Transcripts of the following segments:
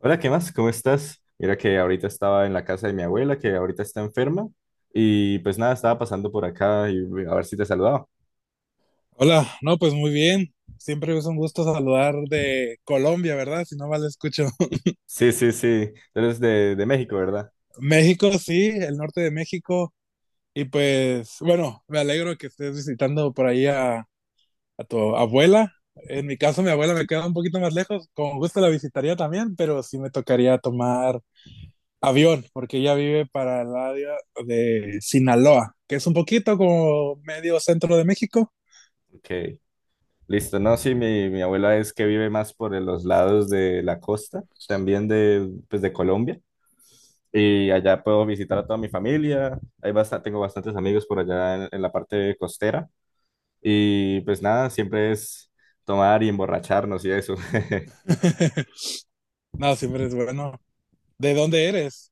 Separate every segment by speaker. Speaker 1: Hola, ¿qué más? ¿Cómo estás? Mira que ahorita estaba en la casa de mi abuela, que ahorita está enferma, y pues nada, estaba pasando por acá y a ver si te saludaba.
Speaker 2: Hola, no, pues muy bien. Siempre es un gusto saludar de Colombia, ¿verdad? Si no mal escucho.
Speaker 1: Sí, sí, sí, tú eres de México, ¿verdad?
Speaker 2: México, sí, el norte de México. Y pues, bueno, me alegro que estés visitando por ahí a tu abuela. En mi caso, mi abuela me queda un poquito más lejos. Con gusto la visitaría también, pero sí me tocaría tomar avión, porque ella vive para el área de Sinaloa, que es un poquito como medio centro de México.
Speaker 1: Ok, listo. No, sí, mi abuela es que vive más por los lados de la costa, también de, pues, de Colombia, y allá puedo visitar a toda mi familia, hay tengo bastantes amigos por allá en la parte costera, y pues nada, siempre es tomar y emborracharnos y eso.
Speaker 2: No, siempre es bueno. ¿De dónde eres?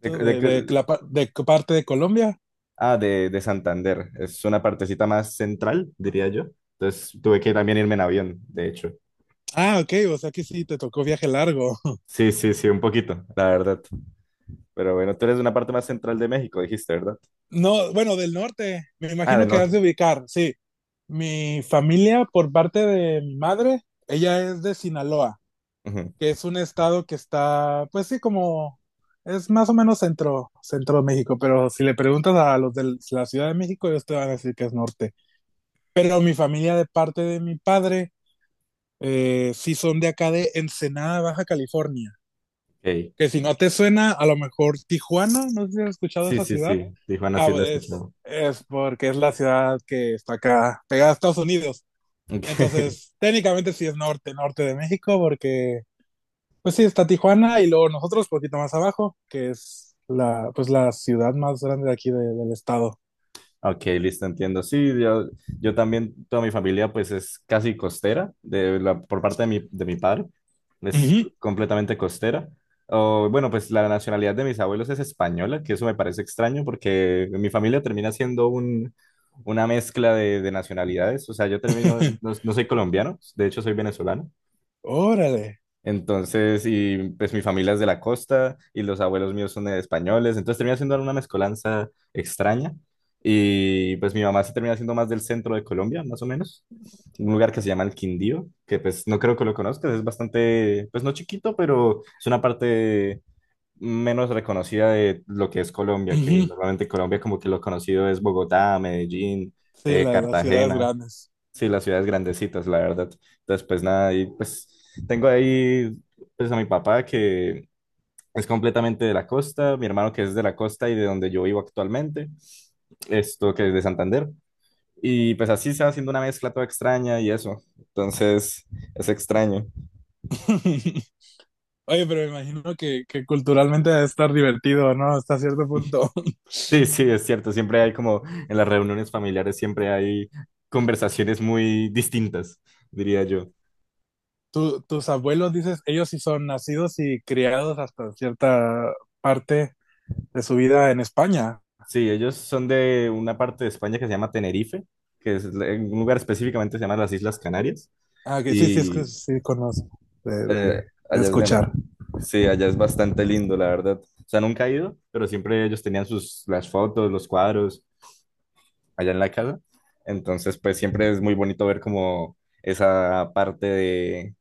Speaker 1: De,
Speaker 2: ¿Tú
Speaker 1: de- qué-
Speaker 2: de qué parte de Colombia?
Speaker 1: Ah, de Santander. Es una partecita más central, diría yo. Entonces tuve que también irme en avión, de hecho.
Speaker 2: Ah, ok, o sea que sí, te tocó viaje largo.
Speaker 1: Sí, sí, sí, un poquito, la verdad. Pero bueno, tú eres de una parte más central de México, dijiste, ¿verdad?
Speaker 2: No, bueno, del norte, me
Speaker 1: Ah,
Speaker 2: imagino
Speaker 1: del
Speaker 2: que has
Speaker 1: norte.
Speaker 2: de ubicar, sí. Mi familia, por parte de mi madre, ella es de Sinaloa,
Speaker 1: Ujú,
Speaker 2: que es un estado que está, pues sí, como es más o menos centro, centro de México, pero si le preguntas a los de la Ciudad de México, ellos te van a decir que es norte. Pero mi familia, de parte de mi padre, sí son de acá de Ensenada, Baja California,
Speaker 1: ok.
Speaker 2: que si no te suena, a lo mejor Tijuana, no sé si has escuchado
Speaker 1: Sí,
Speaker 2: esa
Speaker 1: sí,
Speaker 2: ciudad.
Speaker 1: sí. Tijuana
Speaker 2: Ah,
Speaker 1: sí lo he escuchado.
Speaker 2: es porque es la ciudad que está acá, pegada a Estados Unidos.
Speaker 1: Ok.
Speaker 2: Entonces, técnicamente sí es norte, norte de México, porque pues sí, está Tijuana y luego nosotros poquito más abajo, que es la, pues la ciudad más grande de aquí del estado.
Speaker 1: Ok, listo, entiendo. Sí, yo también, toda mi familia pues es casi costera, por parte de de mi padre, es
Speaker 2: Ujú.
Speaker 1: completamente costera. O, bueno, pues la nacionalidad de mis abuelos es española, que eso me parece extraño porque mi familia termina siendo una mezcla de nacionalidades. O sea, yo termino, no, no soy colombiano, de hecho soy venezolano.
Speaker 2: Órale.
Speaker 1: Entonces, y pues mi familia es de la costa y los abuelos míos son españoles, entonces termina siendo una mezcolanza extraña. Y pues mi mamá se termina siendo más del centro de Colombia, más o menos, un lugar que se llama el Quindío, que pues no creo que lo conozcas, es bastante, pues no chiquito, pero es una parte menos reconocida de lo que es Colombia, que
Speaker 2: Ujú.
Speaker 1: normalmente Colombia como que lo conocido es Bogotá, Medellín,
Speaker 2: Sí, las ciudades
Speaker 1: Cartagena.
Speaker 2: grandes.
Speaker 1: Sí, las ciudades grandecitas, la verdad. Entonces, pues nada, y pues tengo ahí pues a mi papá que es completamente de la costa, mi hermano que es de la costa y de donde yo vivo actualmente, esto que es de Santander. Y pues así se va haciendo una mezcla toda extraña y eso. Entonces, es extraño.
Speaker 2: Oye, pero me imagino que culturalmente debe estar divertido, ¿no? Hasta cierto punto.
Speaker 1: Sí, sí, es cierto. Siempre hay como en las reuniones familiares, siempre hay conversaciones muy distintas, diría yo.
Speaker 2: Tus abuelos, dices, ellos sí son nacidos y criados hasta cierta parte de su vida en España.
Speaker 1: Sí, ellos son de una parte de España que se llama Tenerife, que es en un lugar específicamente se llama las Islas Canarias.
Speaker 2: Ah, que sí, sí, es que
Speaker 1: Y
Speaker 2: sí conozco de,
Speaker 1: eh,
Speaker 2: de, de
Speaker 1: allá es de-
Speaker 2: escuchar.
Speaker 1: sí, allá es bastante lindo, la verdad. O sea, nunca he ido, pero siempre ellos tenían las fotos, los cuadros allá en la casa. Entonces, pues siempre es muy bonito ver como esa parte de,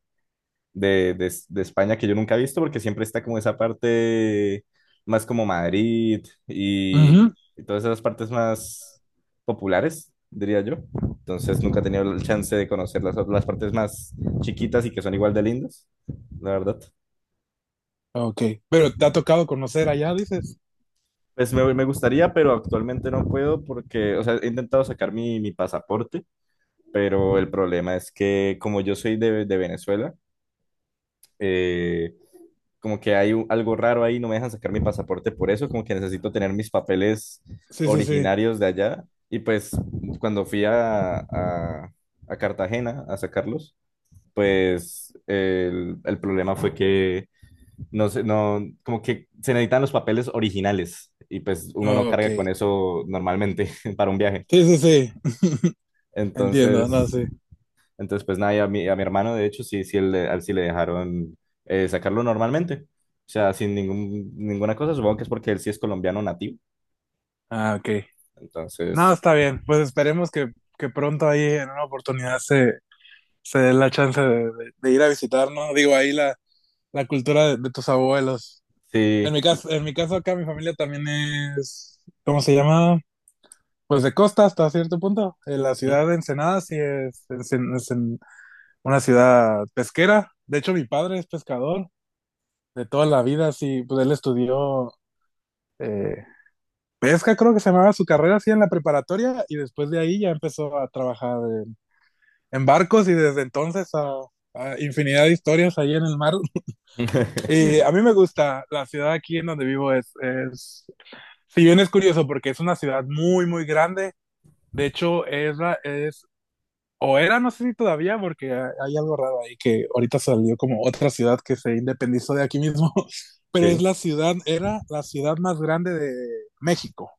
Speaker 1: de, de España que yo nunca he visto porque siempre está como esa parte más como Madrid y,
Speaker 2: Ujú.
Speaker 1: y todas esas partes más populares, diría yo. Entonces nunca he tenido el chance de conocer las partes más chiquitas y que son igual de lindas, la verdad.
Speaker 2: Ok, pero te ha tocado conocer allá, dices.
Speaker 1: Pues me gustaría, pero actualmente no puedo porque, o sea, he intentado sacar mi pasaporte, pero el problema es que como yo soy de Venezuela, eh, como que hay algo raro ahí, no me dejan sacar mi pasaporte por eso, como que necesito tener mis papeles
Speaker 2: Sí, sí, sí.
Speaker 1: originarios de allá. Y pues cuando fui a Cartagena a sacarlos, pues el problema fue que no sé, no, como que se necesitan los papeles originales y pues uno no
Speaker 2: Ok.
Speaker 1: carga con eso normalmente para un viaje.
Speaker 2: Sí, sí, sí. Entiendo, no,
Speaker 1: Entonces,
Speaker 2: sí.
Speaker 1: entonces, pues nada, y a mi hermano, de hecho, sí, sí, a él sí le dejaron sacarlo normalmente. O sea, sin ninguna cosa, supongo que es porque él sí es colombiano nativo.
Speaker 2: Ah, ok. No,
Speaker 1: Entonces,
Speaker 2: está bien. Pues esperemos que pronto ahí en una oportunidad se dé la chance de, de ir a visitar, ¿no? Digo, ahí la cultura de tus abuelos.
Speaker 1: sí.
Speaker 2: En mi caso acá mi familia también es, ¿cómo se llama? Pues de costa hasta cierto punto. La
Speaker 1: Ujú.
Speaker 2: ciudad de Ensenada sí es, es en una ciudad pesquera. De hecho, mi padre es pescador de toda la vida, sí, pues él estudió eh, pesca, creo que se llamaba su carrera así en la preparatoria y después de ahí ya empezó a trabajar en, en barcos y desde entonces a infinidad de historias ahí en el mar. Y a mí me gusta, la ciudad aquí en donde vivo es, si bien es curioso porque es una ciudad muy, muy grande, de hecho es, es o era, no sé si todavía, porque hay algo raro ahí que ahorita salió como otra ciudad que se independizó de aquí mismo, pero es
Speaker 1: Sí.
Speaker 2: la ciudad, era la ciudad más grande de México,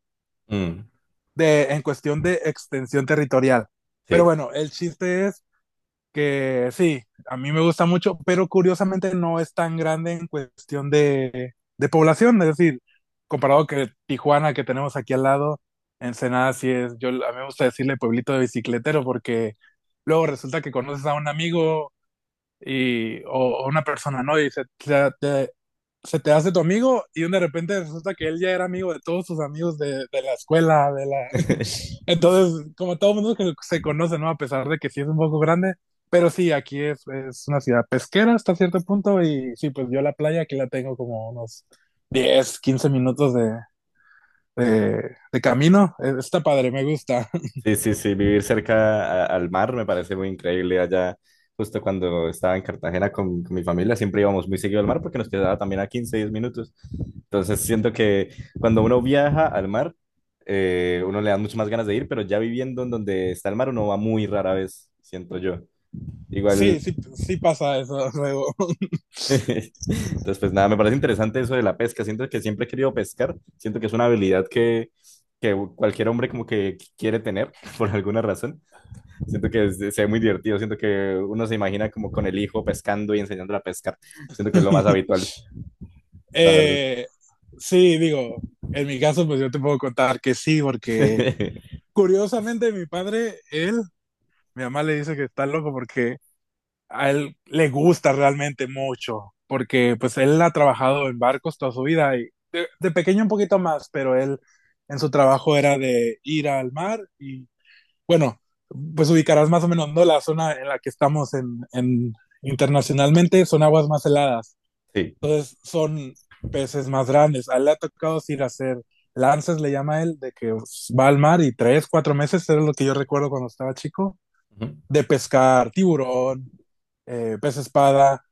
Speaker 1: Mm,
Speaker 2: de, en cuestión de extensión territorial. Pero
Speaker 1: sí.
Speaker 2: bueno, el chiste es que sí, a mí me gusta mucho, pero curiosamente no es tan grande en cuestión de población, es decir, comparado que Tijuana que tenemos aquí al lado, Ensenada sí es, yo a mí me gusta decirle pueblito de bicicletero porque luego resulta que conoces a un amigo y, o, o una persona, ¿no? Y se te hace tu amigo y de repente resulta que él ya era amigo de todos sus amigos de la escuela, de la... Entonces, como todo mundo que se conoce, ¿no? A pesar de que sí es un poco grande, pero sí, aquí es una ciudad pesquera hasta cierto punto y sí, pues yo la playa aquí la tengo como unos 10 a 15 minutos de camino. Está padre, me gusta.
Speaker 1: Sí, sí, sí, vivir cerca al mar me parece muy increíble. Allá, justo cuando estaba en Cartagena con mi familia, siempre íbamos muy seguido al mar porque nos quedaba también a 15 10 minutos. Entonces siento que cuando uno viaja al mar, uno le da mucho más ganas de ir, pero ya viviendo en donde está el mar, uno va muy rara vez, siento yo. Igual,
Speaker 2: Sí, sí, sí pasa eso luego.
Speaker 1: entonces pues nada, me parece interesante eso de la pesca. Siento que siempre he querido pescar, siento que es una habilidad que cualquier hombre como que quiere tener por alguna razón. Siento que se ve muy divertido, siento que uno se imagina como con el hijo pescando y enseñándole a pescar. Siento que es lo más habitual, la verdad.
Speaker 2: Eh, sí, digo, en mi caso, pues yo te puedo contar que sí, porque curiosamente mi padre, él, mi mamá le dice que está loco porque a él le gusta realmente mucho, porque pues él ha trabajado en barcos toda su vida y de pequeño un poquito más, pero él en su trabajo era de ir al mar y bueno, pues ubicarás más o menos, ¿no? La zona en la que estamos en internacionalmente son aguas más heladas.
Speaker 1: Sí,
Speaker 2: Entonces son peces más grandes. A él le ha tocado ir a hacer lances, le llama él, de que va al mar y tres, cuatro meses, era lo que yo recuerdo cuando estaba chico,
Speaker 1: ujú.
Speaker 2: de pescar tiburón, pez espada,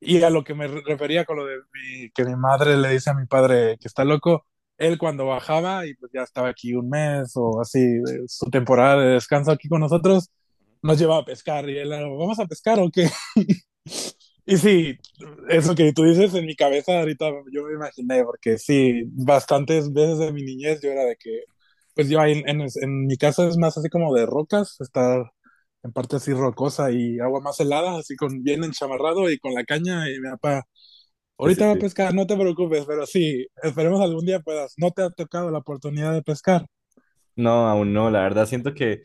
Speaker 2: y a lo que refería con lo de que mi madre le dice a mi padre que está loco, él cuando bajaba y pues ya estaba aquí un mes o así, de su temporada de descanso aquí con nosotros, nos llevaba a pescar y él era, ¿vamos a pescar o qué? Y sí, eso que tú dices en mi cabeza ahorita yo me imaginé, porque sí, bastantes veces de mi niñez yo era de que, pues yo ahí en mi casa es más así como de rocas, está en parte así rocosa y agua más helada, así con bien enchamarrado y con la caña y mi papá,
Speaker 1: Sí, sí,
Speaker 2: ahorita va a
Speaker 1: sí.
Speaker 2: pescar, no te preocupes, pero sí, esperemos algún día puedas. No te ha tocado la oportunidad de pescar.
Speaker 1: No, aún no, la verdad siento que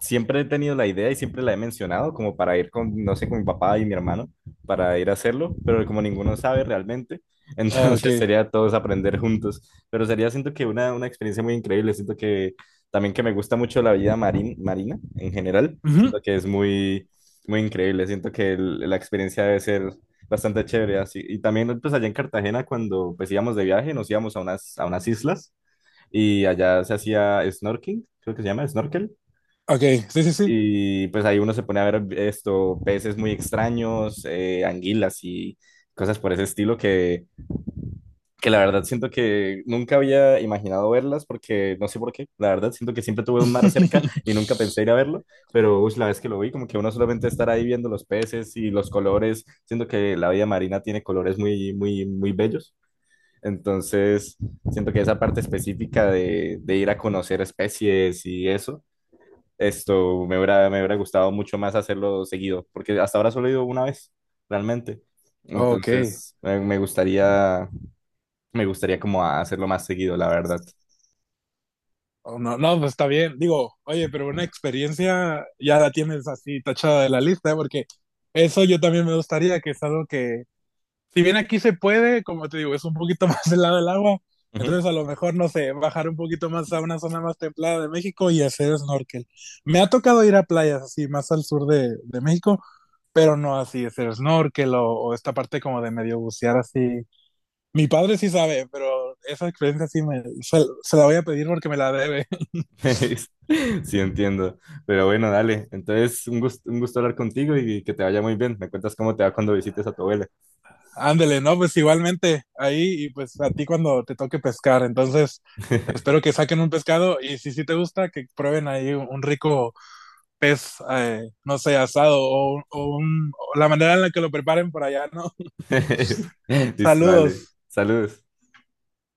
Speaker 1: siempre he tenido la idea y siempre la he mencionado como para ir con, no sé, con mi papá y mi hermano, para ir a hacerlo, pero como ninguno sabe realmente,
Speaker 2: Ah, ok.
Speaker 1: entonces sería todos aprender juntos, pero sería, siento que una, experiencia muy increíble, siento que también que me gusta mucho la vida marín marina en general,
Speaker 2: Ujú,
Speaker 1: siento que es muy, muy increíble, siento que la experiencia debe ser... Bastante chévere, así. Y también, pues allá en Cartagena, cuando pues íbamos de viaje, nos íbamos a unas islas y allá se hacía snorkeling, creo que se llama snorkel.
Speaker 2: ok, sí, sí, sí.
Speaker 1: Y pues ahí uno se pone a ver esto, peces muy extraños, anguilas y cosas por ese estilo que la verdad siento que nunca había imaginado verlas porque no sé por qué, la verdad siento que siempre tuve un mar cerca y nunca pensé ir a verlo, pero ush, la vez que lo vi como que uno solamente estar ahí viendo los peces y los colores, siento que la vida marina tiene colores muy, muy, muy bellos. Entonces, siento que esa parte específica de ir a conocer especies y eso esto me hubiera gustado mucho más hacerlo seguido, porque hasta ahora solo he ido 1 vez, realmente.
Speaker 2: Ok.
Speaker 1: Entonces, me gustaría, me gustaría, como hacerlo más seguido, la verdad.
Speaker 2: Oh, no, no, pues está bien. Digo, oye, pero una experiencia ya la tienes así tachada de la lista, ¿eh? Porque eso yo también me gustaría, que es algo que si bien aquí se puede, como te digo, es un poquito más helado del agua,
Speaker 1: Ujú.
Speaker 2: entonces a lo mejor, no sé, bajar un poquito más a una zona más templada de México y hacer snorkel. Me ha tocado ir a playas así más al sur de México, pero no así, hacer snorkel o esta parte como de medio bucear así. Mi padre sí sabe, pero esa experiencia sí se la voy a pedir porque me la debe.
Speaker 1: Sí, entiendo. Pero bueno, dale. Entonces, un gusto hablar contigo y que te vaya muy bien. Me cuentas cómo te va cuando visites a tu abuela.
Speaker 2: Ándele, ¿no? Pues igualmente ahí y pues a ti cuando te toque pescar, entonces... Espero que saquen un pescado y si sí te gusta, que prueben ahí un rico pez, no sé, asado o la manera en la que lo preparen por allá, ¿no?
Speaker 1: Listo, dale.
Speaker 2: Saludos.
Speaker 1: Saludos.